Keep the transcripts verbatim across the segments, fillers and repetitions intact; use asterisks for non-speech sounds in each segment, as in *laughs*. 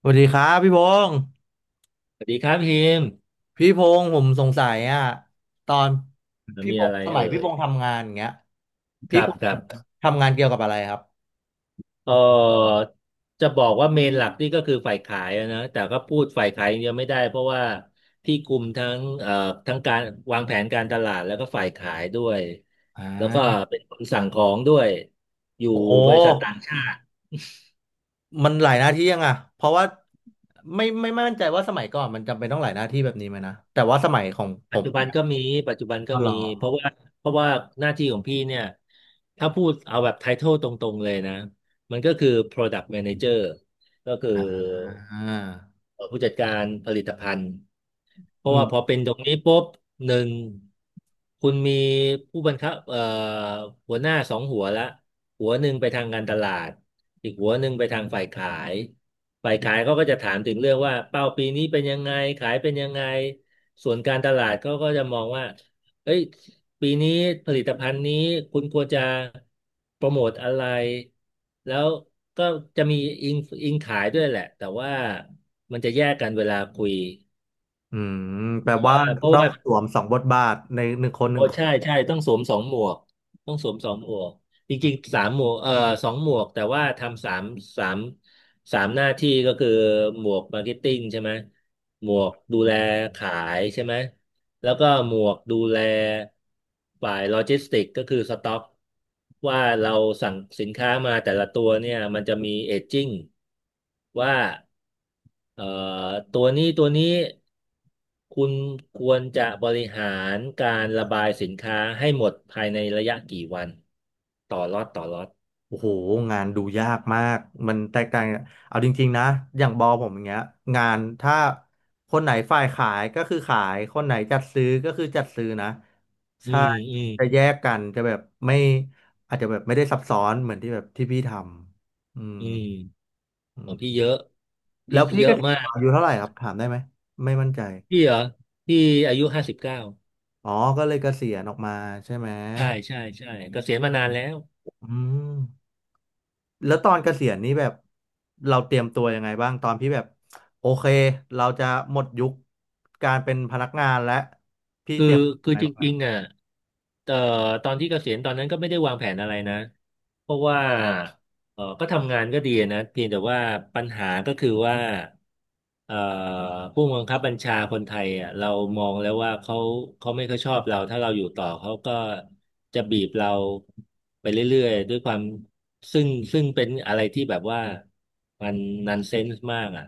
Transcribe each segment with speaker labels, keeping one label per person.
Speaker 1: สวัสดีครับพี่พงษ์
Speaker 2: สวัสดีครับพิมพ์
Speaker 1: พี่พงษ์ผมสงสัยอ่ะตอนพี่
Speaker 2: มี
Speaker 1: พ
Speaker 2: อะ
Speaker 1: งษ์
Speaker 2: ไร
Speaker 1: สมัย
Speaker 2: เอ่
Speaker 1: พี่
Speaker 2: ย
Speaker 1: พงษ์ทำงานอย่างเงี้ย
Speaker 2: ค
Speaker 1: พี่
Speaker 2: รับ
Speaker 1: พง
Speaker 2: ค
Speaker 1: ษ์
Speaker 2: รับ
Speaker 1: ทำงานเกี่ยวกับอะไรครับ
Speaker 2: เออจะบอกว่าเมนหลักนี่ก็คือฝ่ายขายอะนะแต่ก็พูดฝ่ายขายอย่างเดียวไม่ได้เพราะว่าพี่คุมทั้งเอ่อทั้งการวางแผนการตลาดแล้วก็ฝ่ายขายด้วย
Speaker 1: อ่
Speaker 2: แล้วก็
Speaker 1: า
Speaker 2: เป็นคนสั่งของด้วยอยู่
Speaker 1: โอ้โห
Speaker 2: บริษัทต่างชาติ
Speaker 1: มันหลายหน้าที่ยังอ่ะเพราะว่าไม่ไม่ไมมั่นใจว่าสมัยก่อนมันจำเป็นต้องหลายหน้าที่แบบนี้ไหมนะแต่ว่าสมัยของผ
Speaker 2: ปัจ
Speaker 1: ม
Speaker 2: จุบัน
Speaker 1: เนี่ย
Speaker 2: ก็มี ปัจจุบันก็
Speaker 1: ก็ร
Speaker 2: มี
Speaker 1: อ
Speaker 2: เพราะว่าเพราะว่าหน้าที่ของพี่เนี่ย ถ้าพูดเอาแบบไททลตรงๆเลยนะ มันก็คือ Product Manager ก็คือ
Speaker 1: อ่า
Speaker 2: ผู้จัดการผลิตภัณฑ์ เพราะ
Speaker 1: อื
Speaker 2: ว่าพอ
Speaker 1: ม
Speaker 2: เป็นตรงนี้ปุ๊บหนึ่งคุณมีผู้บังคับเอ่อหัวหน้าสองหัวละหัวหนึ่งไปทางการตลาดอีกหัวหนึ่งไปทางฝ่ายขายฝ่ายขายเขาก็จะถามถึงเรื่องว่าเป้าปีนี้เป็นยังไงขายเป็นยังไงส่วนการตลาดเขาก็จะมองว่าเอ้ยปีนี้ผลิตภัณฑ์นี้คุณควรจะโปรโมทอะไรแล้วก็จะมีอิงอิงขายด้วยแหละแต่ว่ามันจะแยกกันเวลาคุย
Speaker 1: อืมแปล
Speaker 2: เพราะ
Speaker 1: ว่า
Speaker 2: ว่าเพราะ
Speaker 1: ต้
Speaker 2: ว่า
Speaker 1: องสวมสองบทบาทในหนึ่งคนห
Speaker 2: โอ้
Speaker 1: นึ่งคน
Speaker 2: ใช่ใช่ต้องสวมสองหมวกต้องสวมสองหมวกจริงๆสามหมวกเอ่อสองหมวกแต่ว่าทำสามสามสามหน้าที่ก็คือหมวกมาร์เก็ตติ้งใช่ไหมหมวกดูแลขายใช่ไหมแล้วก็หมวกดูแลฝ่ายโลจิสติกก็คือสต็อกว่าเราสั่งสินค้ามาแต่ละตัวเนี่ยมันจะมีเอจจิ้งว่า เอ่อตัวนี้ตัวนี้คุณควรจะบริหารการระบายสินค้าให้หมดภายในระยะกี่วันต่อล็อตต่อล็อต
Speaker 1: โอ้โหงานดูยากมากมันแตกต่างเอาจริงๆนะอย่างบอผมอย่างเงี้ยงานถ้าคนไหนฝ่ายขายก็คือขายคนไหนจัดซื้อก็คือจัดซื้อนะ
Speaker 2: อื
Speaker 1: ใช่
Speaker 2: มอืม
Speaker 1: จะแยกกันจะแบบไม่อาจจะแบบไม่ได้ซับซ้อนเหมือนที่แบบที่พี่ทำอืม
Speaker 2: อืม
Speaker 1: อื
Speaker 2: ของพี่
Speaker 1: ม
Speaker 2: เยอะ
Speaker 1: แล้
Speaker 2: พี่
Speaker 1: วพี่
Speaker 2: เย
Speaker 1: ก็
Speaker 2: อะมาก
Speaker 1: อายุเท่าไหร่ครับถามได้ไหมไม่มั่นใจ
Speaker 2: พี่เหรอพี่อายุห้าสิบเก้า
Speaker 1: อ๋อก็เลยเกษียณออกมาใช่ไหม
Speaker 2: ใช่ใช่ใช่เกษียณมานานแล้ว
Speaker 1: อืม แล้วตอนเกษียณนี่แบบเราเตรียมตัวยังไงบ้างตอนพี่แบบโอเคเราจะหมดยุคการเป็นพนักงานและ
Speaker 2: คือคือ
Speaker 1: ไง
Speaker 2: จ
Speaker 1: บ้างครั
Speaker 2: ริงๆ
Speaker 1: บ
Speaker 2: อ่ะเอ่อตอนที่เกษียณตอนนั้นก็ไม่ได้วางแผนอะไรนะเพราะว่า เออก็ทำงานก็ดีนะเพียงแต่ว่าปัญหาก็คือว่าเอ่อผู้บังคับบัญชาคนไทยอ่ะเรามองแล้วว่าเขาเขาไม่ค่อยชอบเราถ้าเราอยู่ต่อเขาก็จะบีบเราไปเรื่อยๆด้วยความซึ่งซึ่งเป็นอะไรที่แบบว่ามันนันเซนส์มากอ่ะ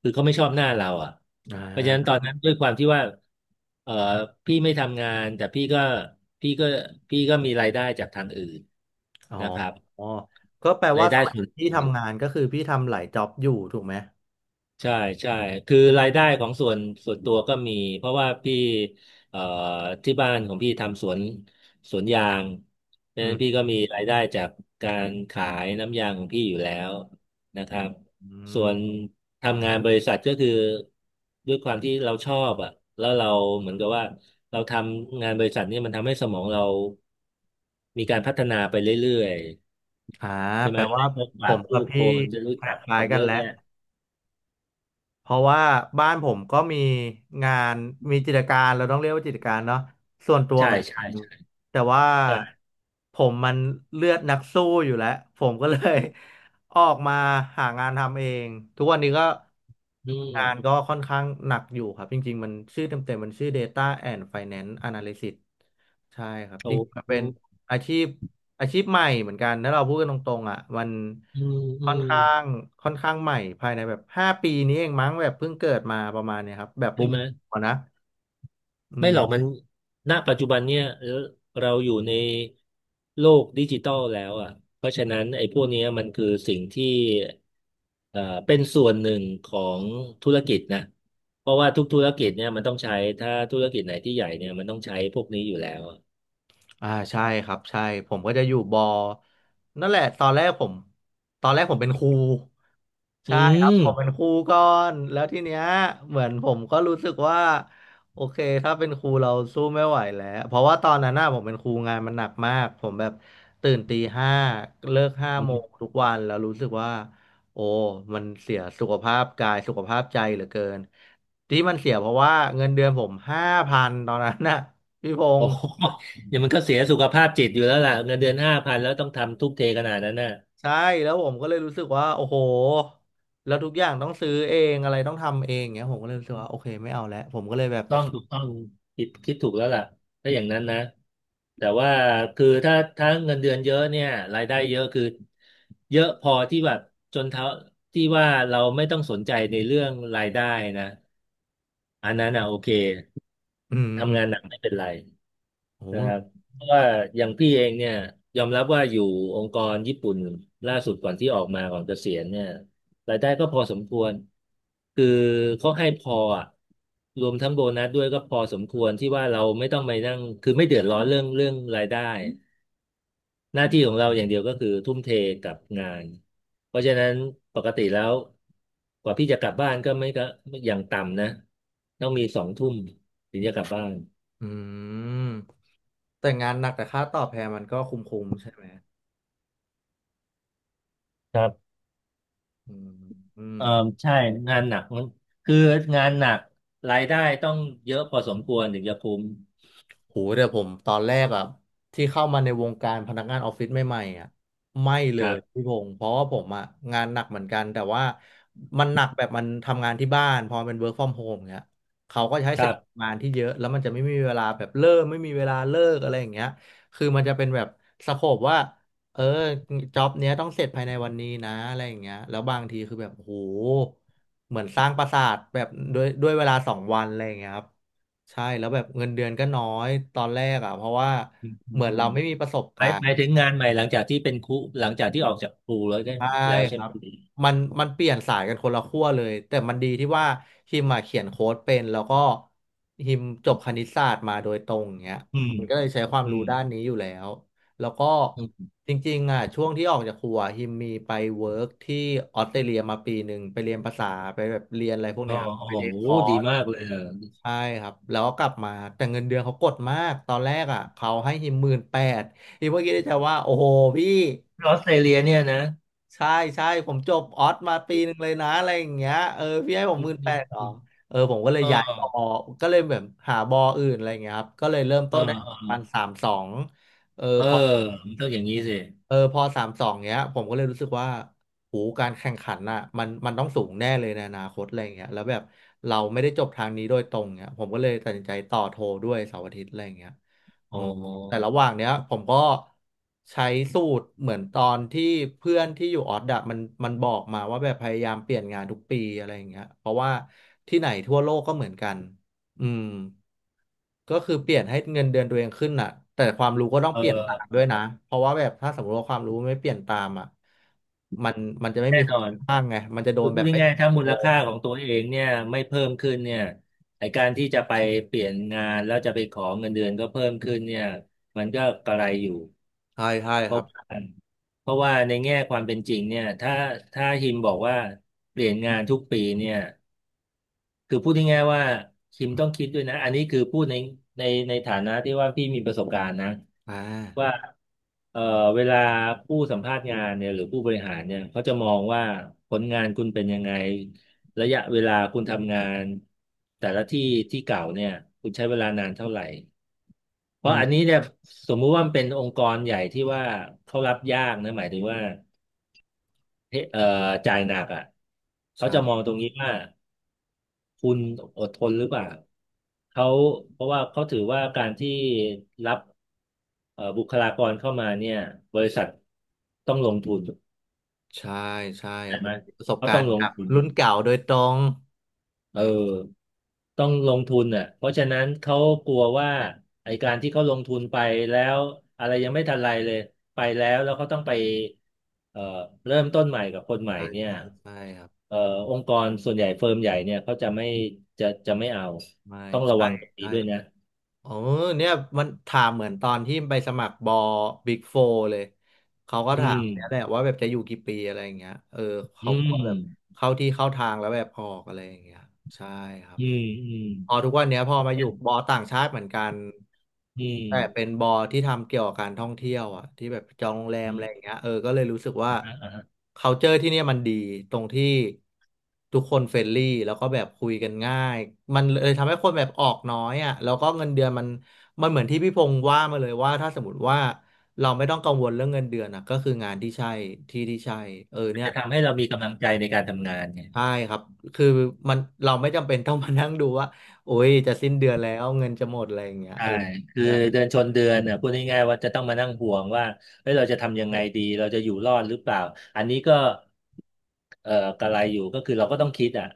Speaker 2: คือเขาไม่ชอบหน้าเราอ่ะ
Speaker 1: อ่
Speaker 2: เพราะฉะนั้นตอน
Speaker 1: า
Speaker 2: นั้นด้วยความที่ว่าเออพี่ไม่ทำงานแต่พี่ก็พี่ก็พี่ก็มีรายได้จากทางอื่น
Speaker 1: อ๋อ
Speaker 2: นะครับ
Speaker 1: อ๋อก็แปล
Speaker 2: รา
Speaker 1: ว่า
Speaker 2: ย
Speaker 1: ส
Speaker 2: ได้
Speaker 1: มัย
Speaker 2: ส่วน
Speaker 1: ที่
Speaker 2: ตัว
Speaker 1: ทำงานก็คือพี่ทำหลายจ็อบอยู่ถูกไหม
Speaker 2: ใช่ใช่คือรายได้ของส่วนส่วนตัวก็มีเพราะว่าพี่เอ่อที่บ้านของพี่ทำสวนสวนยางเพราะ
Speaker 1: อื
Speaker 2: ฉะนั้
Speaker 1: ม
Speaker 2: นพี่ก็มีรายได้จากการขายน้ำยางของพี่อยู่แล้วนะครับ
Speaker 1: อ
Speaker 2: ส่ว
Speaker 1: ม
Speaker 2: นทำงานบริษัทก็คือด้วยความที่เราชอบอ่ะแล้วเราเหมือนกับว่าเราทำงานบริษัทเนี่ยมันทำให้สมองเรามีการพัฒนาไปเรื่อย
Speaker 1: อ่า
Speaker 2: ๆใช่
Speaker 1: แป
Speaker 2: ไหม
Speaker 1: ลว่า
Speaker 2: ได้พบ
Speaker 1: ผ
Speaker 2: ปะ
Speaker 1: มกั
Speaker 2: ผู้
Speaker 1: บ
Speaker 2: ค
Speaker 1: พี่
Speaker 2: นจะรู้
Speaker 1: ค
Speaker 2: จักค
Speaker 1: ล้าย
Speaker 2: น
Speaker 1: ๆกั
Speaker 2: เย
Speaker 1: น
Speaker 2: อะ
Speaker 1: แล้ว
Speaker 2: แยะ
Speaker 1: เพราะว่าบ้านผมก็มีงานมีกิจการเราต้องเรียกว่ากิจการเนาะส่วนตัว
Speaker 2: ใช่
Speaker 1: เหมือนกั
Speaker 2: ใช่
Speaker 1: น
Speaker 2: ใช่
Speaker 1: แต่ว่า
Speaker 2: ใช่
Speaker 1: ผมมันเลือดนักสู้อยู่แล้วผมก็เลย *laughs* ออกมาหางานทำเองทุกวันนี้ก็
Speaker 2: อื
Speaker 1: งา
Speaker 2: ม
Speaker 1: นก็ค่อนข้างหนักอยู่ครับจริงๆมันชื่อเต็มๆมันชื่อ Data and Finance Analysis ใช่ครับ
Speaker 2: โอ้
Speaker 1: จริงๆมัน
Speaker 2: อื
Speaker 1: เป็น
Speaker 2: ม
Speaker 1: อาชีพอาชีพใหม่เหมือนกันถ้าเราพูดกันตรงๆอ่ะมัน
Speaker 2: อืมอื
Speaker 1: ค่อน
Speaker 2: ม
Speaker 1: ข้างค่อนข้างใหม่ภายในแบบห้าปีนี้เองมั้งแบบเพิ่งเกิดมาประมาณเนี้ยครับ แบบบู
Speaker 2: ใช่
Speaker 1: ม
Speaker 2: ไหม
Speaker 1: ๆอะนะอื
Speaker 2: ไม่หรอก
Speaker 1: ม
Speaker 2: มันณปัจจุบันเนี่ยเออเราอยู่ในโลกดิจิตอลแล้วอ่ะเพราะฉะนั้นไอ้พวกเนี้ยมันคือสิ่งที่เอ่อเป็นส่วนหนึ่งของธุรกิจนะเพราะว่าทุกธุรกิจเนี่ยมันต้องใช้ ถ้าธุรกิจไหนที่ใหญ่เนี่ยมันต้องใช้พวกนี้อยู่แล้วอะ
Speaker 1: อ่าใช่ครับใช่ผมก็จะอยู่บอนั่นแหละตอนแรกผมตอนแรกผมเป็นครู
Speaker 2: อื
Speaker 1: ใช่ครับ
Speaker 2: ม
Speaker 1: ผมเป็นครูก่อนแล้วทีเนี้ยเหมือนผมก็รู้สึกว่าโอเคถ้าเป็นครูเราสู้ไม่ไหวแล้วเพราะว่าตอนนั้นน่ะผมเป็นครูงานมันหนักมากผมแบบตื่นตีห้าเลิกห้าโมงทุกวันแล้วรู้สึกว่าโอ้มันเสียสุขภาพกายสุขภาพใจเหลือเกินที่มันเสียเพราะว่าเงินเดือนผมห้าพันตอนนั้นน่ะพี่พง
Speaker 2: โอ้
Speaker 1: ษ์
Speaker 2: โห *laughs* เดี๋ยวมันก็เสียสุขภาพจิตอยู่แล้วล่ะเงินเดือนห้าพันแล้วต้องทำทุ่มเทขนาดนั้นน่ะ
Speaker 1: ใช่แล้วผมก็เลยรู้สึกว่าโอ้โหแล้วทุกอย่างต้องซื้อเองอะไรต้องทำเองเงี้ยผมก็เลยรู้สึกว่าโอเคไม่เอาแล้วผมก็เลยแบบ
Speaker 2: ต้องถูกต้องคิดคิดถูกแล้วล่ะถ้าอย่างนั้นนะแต่ว่าคือถ้าถ้าเงินเดือนเยอะเนี่ยรายได้เยอะคือเยอะพอที่แบบจนเท่าที่ว่าเราไม่ต้องสนใจในเรื่องรายได้นะอันนั้นอ่ะโอเค
Speaker 1: อืมอื
Speaker 2: ทำ
Speaker 1: ม
Speaker 2: งานหนักไม่เป็นไร
Speaker 1: โอ้
Speaker 2: นะครับ
Speaker 1: โห
Speaker 2: เพราะว่าอย่างพี่เองเนี่ยยอมรับว่าอยู่องค์กรญี่ปุ่นล่าสุดก่อนที่ออกมาก่อนเกษียณเนี่ยรายได้ก็พอสมควรคือเขาให้พออะรวมทั้งโบนัสด้วยก็พอสมควรที่ว่าเราไม่ต้องไปนั่งคือไม่เดือดร้อนเรื่องเรื่องรายได้หน้าที่ของเราอย่างเดียวก็คือทุ่มเทกับงานเพราะฉะนั้นปกติแล้วกว่าพี่จะกลับบ้านก็ไม่ก็อย่างต่ำนะต้องมีสองทุ่มถึงจะกลับบ้าน
Speaker 1: อืมแต่งานหนักแต่ค่าตอบแทนมันก็คุ้มๆใช่ไหม
Speaker 2: ครับ
Speaker 1: อืมอืม
Speaker 2: เออใช่งานหนักมันคืองานหนักรายได้ต้องเยอะพอสมควรถึงจะคุ้ม
Speaker 1: โหแต่ผมตอนแรกอะที่เข้ามาในวงการพนักงานออฟฟิศใหม่ๆอะไม่เล
Speaker 2: ครั
Speaker 1: ย
Speaker 2: บ
Speaker 1: พี่พงศ์เพราะว่าผมอะงานหนักเหมือนกันแต่ว่ามันหนักแบบมันทำงานที่บ้านพอมันเป็น work from home เงี้ยเขาก็จะให้
Speaker 2: ค
Speaker 1: ส
Speaker 2: รั
Speaker 1: กิล
Speaker 2: บ
Speaker 1: งานที่เยอะแล้วมันจะไม่มีเวลาแบบเลิกไม่มีเวลาเลิกอะไรอย่างเงี้ยคือมันจะเป็นแบบสโคปว่าเออจ็อบเนี้ยต้องเสร็จภายในวันนี้นะอะไรอย่างเงี้ยแล้วบางทีคือแบบโหเหมือนสร้างปราสาทแบบด้วยด้วยเวลาสองวันอะไรอย่างเงี้ยครับ ใช่แล้วแบบเงินเดือนก็น้อยตอนแรกอ่ะเพราะว่า
Speaker 2: อืมอ
Speaker 1: เหมือน
Speaker 2: ื
Speaker 1: เรา
Speaker 2: ม
Speaker 1: ไม่มีประสบ
Speaker 2: ห
Speaker 1: กา
Speaker 2: มาย
Speaker 1: ร
Speaker 2: หมา
Speaker 1: ณ์
Speaker 2: ยถึงงานใหม่หลังจากที่เป็นครูหลังจากที่ออกจากครูแล้วได้
Speaker 1: ใช่
Speaker 2: แล้ว
Speaker 1: ค
Speaker 2: ใช่ไห
Speaker 1: รั
Speaker 2: ม
Speaker 1: บมันมันเปลี่ยนสายกันคนละขั้วเลยแต่มันดีที่ว่าฮิมมาเขียนโค้ดเป็นแล้วก็ฮิมจบคณิตศาสตร์มาโดยตรงอย่างเงี้ย
Speaker 2: อืม
Speaker 1: มันก็เลยใช้ความ
Speaker 2: อื
Speaker 1: รู้
Speaker 2: ม
Speaker 1: ด้านนี้อยู่แล้วแล้วก็
Speaker 2: อืม
Speaker 1: จริงๆอ่ะช่วงที่ออกจากครัวฮิมมีไปเวิร์กที่ออสเตรเลียมาปีหนึ่งไปเรียนภาษาไปแบบเรียนอะไรพวก
Speaker 2: อ๋อ
Speaker 1: เนี้ย
Speaker 2: โอ้
Speaker 1: ไปเรียน
Speaker 2: โห
Speaker 1: คอ
Speaker 2: ดี
Speaker 1: ร์ส
Speaker 2: มากเลยเออ
Speaker 1: ใช่ครับแล้วก็กลับมาแต่เงินเดือนเขากดมากตอนแรกอ่ะเขาให้ฮิมหมื่นแปดฮิมเมื่อกี้ิดใใจว่าโอ้โหพี่
Speaker 2: ออสเตรเลียเนี่ยนะ
Speaker 1: ใช่ใช่ผมจบออสมาปีหนึ่งเลยนะอะไรอย่างเงี้ยเออพี่ให้ผม
Speaker 2: อื
Speaker 1: ห
Speaker 2: ม
Speaker 1: มื่น
Speaker 2: อื
Speaker 1: แป
Speaker 2: ม
Speaker 1: ดหรอ
Speaker 2: อืม
Speaker 1: เออผมก็เล
Speaker 2: อ๋
Speaker 1: ย
Speaker 2: อ
Speaker 1: ย้ายบอก็เลยแบบหาบออื่นอะไรอย่างเงี้ยครับก็เลยเริ่ม
Speaker 2: เ
Speaker 1: ต้นได้ประ
Speaker 2: ออ
Speaker 1: มาณสามสองเออ
Speaker 2: เออ
Speaker 1: พอ
Speaker 2: มันต้องอย่างนี้สิ
Speaker 1: เออพอสามสองเนี้ยผมก็เลยรู้สึกว่าโหการแข่งขันน่ะมันมันต้องสูงแน่เลยในอนาคตอะไรเงี้ยแล้วแบบเราไม่ได้จบทางนี้โดยตรงเนี้ยผมก็เลยตัดสินใจต่อโทด้วยเสาร์อาทิตย์อะไรเงี้ยอื
Speaker 2: โอ้
Speaker 1: ม
Speaker 2: โห
Speaker 1: แต่ระหว่างเนี้ยผมก็ใช้สูตรเหมือนตอนที่เพื่อนที่อยู่ออสอะมันมันบอกมาว่าแบบพยายามเปลี่ยนงานทุกปีอะไรเงี้ยเพราะว่าที่ไหนทั่วโลกก็เหมือนกัน อืมก็คือเปลี่ยนให้เงินเดือนตัวเองขึ้นน่ะแต่ความรู้ก็ต้อง
Speaker 2: เอ
Speaker 1: เปลี่ยนตามด้
Speaker 2: อ
Speaker 1: วยนะเพราะว่าแบบถ้าสมมติว่าความรู้ไม่เปลี่ยนตามอ่ะมันมันจะไม่
Speaker 2: แน่
Speaker 1: มีค
Speaker 2: น
Speaker 1: น
Speaker 2: อน
Speaker 1: ข้างไงมันจะโด
Speaker 2: คือ
Speaker 1: น
Speaker 2: พู
Speaker 1: แบ
Speaker 2: ด
Speaker 1: บไม่
Speaker 2: ง่ายๆถ้า
Speaker 1: โต
Speaker 2: มูลค่าของตัวเองเนี่ยไม่เพิ่มขึ้นเนี่ยไอการที่จะไปเปลี่ยนงานแล้วจะไปขอเงินเดือนก็เพิ่มขึ้นเนี่ยมันก็กระไรอยู่
Speaker 1: ใช่ใช่
Speaker 2: เพ
Speaker 1: ค
Speaker 2: ราะ
Speaker 1: รับ
Speaker 2: ว่าเพราะว่าในแง่ความเป็นจริงเนี่ยถ้าถ้าฮิมบอกว่าเปลี่ยนงานทุกปีเนี่ยคือพูดง่ายๆว่าฮิมต้องคิดด้วยนะอันนี้คือพูดในในในฐานะที่ว่าพี่มีประสบการณ์นะ
Speaker 1: อ่า
Speaker 2: ว่าเอ่อเวลาผู้สัมภาษณ์งานเนี่ยหรือผู้บริหารเนี่ยเขาจะมองว่าผลงานคุณเป็นยังไงระยะเวลาคุณทำงานแต่ละที่ที่เก่าเนี่ยคุณใช้เวลานานเท่าไหร่เพ
Speaker 1: อื
Speaker 2: ราะอัน
Speaker 1: ม
Speaker 2: นี้เนี่ยสมมุติว่ามันเป็นองค์กรใหญ่ที่ว่าเขารับยากนะหมายถึงว่าเอ่อจ่ายหนักอ่ะเขาจะมอ
Speaker 1: ใช่
Speaker 2: งตรงนี้ว่า คุณอดทนหรือเปล่าเขาเพราะว่าเขาถือว่าการที่รับเอ่อบุคลากรเข้ามาเนี่ยบริษัทต้องลงทุน
Speaker 1: ใช่ใช่
Speaker 2: ใช่
Speaker 1: โอ้โห
Speaker 2: ไหม
Speaker 1: ประสบ
Speaker 2: เขา
Speaker 1: กา
Speaker 2: ต้อ
Speaker 1: ร
Speaker 2: ง
Speaker 1: ณ์
Speaker 2: ลง
Speaker 1: กับ
Speaker 2: ทุน
Speaker 1: รุ่นเก่าโดยตรง
Speaker 2: เออต้องลงทุนอ่ะเพราะฉะนั้นเขากลัวว่าไอการที่เขาลงทุนไปแล้วอะไรยังไม่ทันไรเลยไปแล้วแล้วเขาต้องไปเอ่อเริ่มต้นใหม่กับคนใหม่
Speaker 1: ใช่
Speaker 2: เนี่ย
Speaker 1: ใช่ใช่ครับ
Speaker 2: เอ่อองค์กรส่วนใหญ่เฟิร์มใหญ่เนี่ยเขาจะไม่จะจะไม่เอา
Speaker 1: ไม่
Speaker 2: ต้องระ
Speaker 1: ใช่
Speaker 2: วังตรงนี้
Speaker 1: ใช่
Speaker 2: ด้วยนะ
Speaker 1: โอ้เนี่ยมันถามเหมือนตอนที่ไปสมัครบอบิ๊กโฟเลย เขาก็
Speaker 2: อื
Speaker 1: ถามเนี่ยแหละ
Speaker 2: ม
Speaker 1: ว่าแบบจะอยู่กี่ปีอะไรอย่างเงี้ยเออ
Speaker 2: อื
Speaker 1: เขาก็แบบ
Speaker 2: ม
Speaker 1: เข้าที่เข้าทางแล้วแบบออกอะไรอย่างเงี้ยใช่ครับ
Speaker 2: อืมอืม
Speaker 1: พอทุกวันเนี้ยพอมาอยู่บอต่างชาติเหมือนกัน
Speaker 2: อื
Speaker 1: แต่เป็น
Speaker 2: ม
Speaker 1: บอที่ทำเกี่ยวกับการท่องเที่ยวอ่ะที่แบบจองโรงแรม
Speaker 2: อื
Speaker 1: อะไรอย่าง
Speaker 2: ม
Speaker 1: เงี้ยเออก็เลยรู้สึกว่า
Speaker 2: อ่าฮะอ่าฮะ
Speaker 1: culture ที่เนี่ยมันดีตรงที่ทุกคนเฟรนลี่แล้วก็แบบคุยกันง่ายมันเลยทำให้คนแบบออกน้อยอ่ะแล้วก็เงินเดือนมันมันเหมือนที่พี่พงษ์ว่ามาเลยว่าถ้าสมมติว่าเราไม่ต้องกังวลเรื่องเงินเดือนอ่ะก็คืองานที่ใช่ที่ที่ใช่เออเนี่ย
Speaker 2: จะทำให้เรามีกำลังใจในการทำงานเนี่ย
Speaker 1: ใช่ครับ คือมันเราไม่จำเป็น *laughs* ต้องมานั่งดูว่าโอ้ยจะสิ้นเดือนแล้วเงินจะหมดอะไรอย่างเงี้ย
Speaker 2: ใช่
Speaker 1: เออ
Speaker 2: คือ
Speaker 1: ใช่
Speaker 2: เดือนชนเดือนเนี่ยพูดง่ายๆว่าจะต้องมานั่งห่วงว่าเฮ้ยเราจะทำยังไงดีเราจะอยู่รอดหรือเปล่าอันนี้ก็เอ่อกระไรอยู่ก็คือเราก็ต้องคิดอ่ะ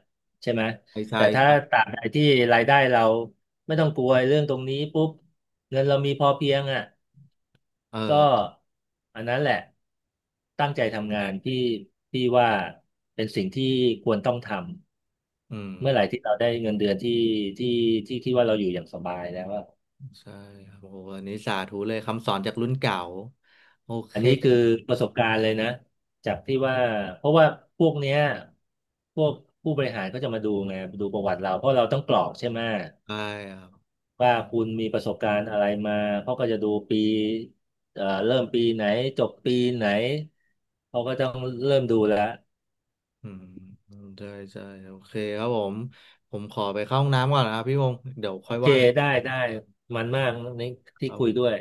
Speaker 2: ใช่ไหม
Speaker 1: ใช่ใช่
Speaker 2: แต่ถ้าตราบใดที่รายได้เราไม่ต้องกลัวเรื่องตรงนี้ปุ๊บเงินเรามีพอเพียงอ่ะ
Speaker 1: เออ
Speaker 2: ก็อันนั้นแหละตั้งใจทำงานที่ที่ว่าเป็นสิ่งที่ควรต้องท
Speaker 1: อื
Speaker 2: ำเมื่อไห
Speaker 1: ม
Speaker 2: ร่ที่เราได้เงินเดือนที่ที่ที่คิดว่าเราอยู่อย่างสบายแล้วอะ
Speaker 1: ใช่ครับโอ้โหอันนี้สาธุเลยคำสอนจากรุ่นเก่าโอเค
Speaker 2: อันนี้คือประสบการณ์เลยนะจากที่ว่าเพราะว่าพวกเนี้ยพวกผู้บริหารก็จะมาดูไงดูประวัติเราเพราะเราต้องกรอกใช่ไหม
Speaker 1: ใช่ครับ
Speaker 2: ว่าคุณมีประสบการณ์อะไรมาเขาก็จะดูปีเอ่อเริ่มปีไหนจบปีไหนเขาก็ต้องเริ่มดูแล้ว
Speaker 1: อืมใช่ใช่โอเคครับผมผมขอไปเข้าห้องน้ำก่อนนะครับพี่วงศ์เดี๋ยว
Speaker 2: โอ
Speaker 1: ค่อย
Speaker 2: เค
Speaker 1: ว่ากัน
Speaker 2: ได้ ได้ มันมากนี่ที่คุยด้วย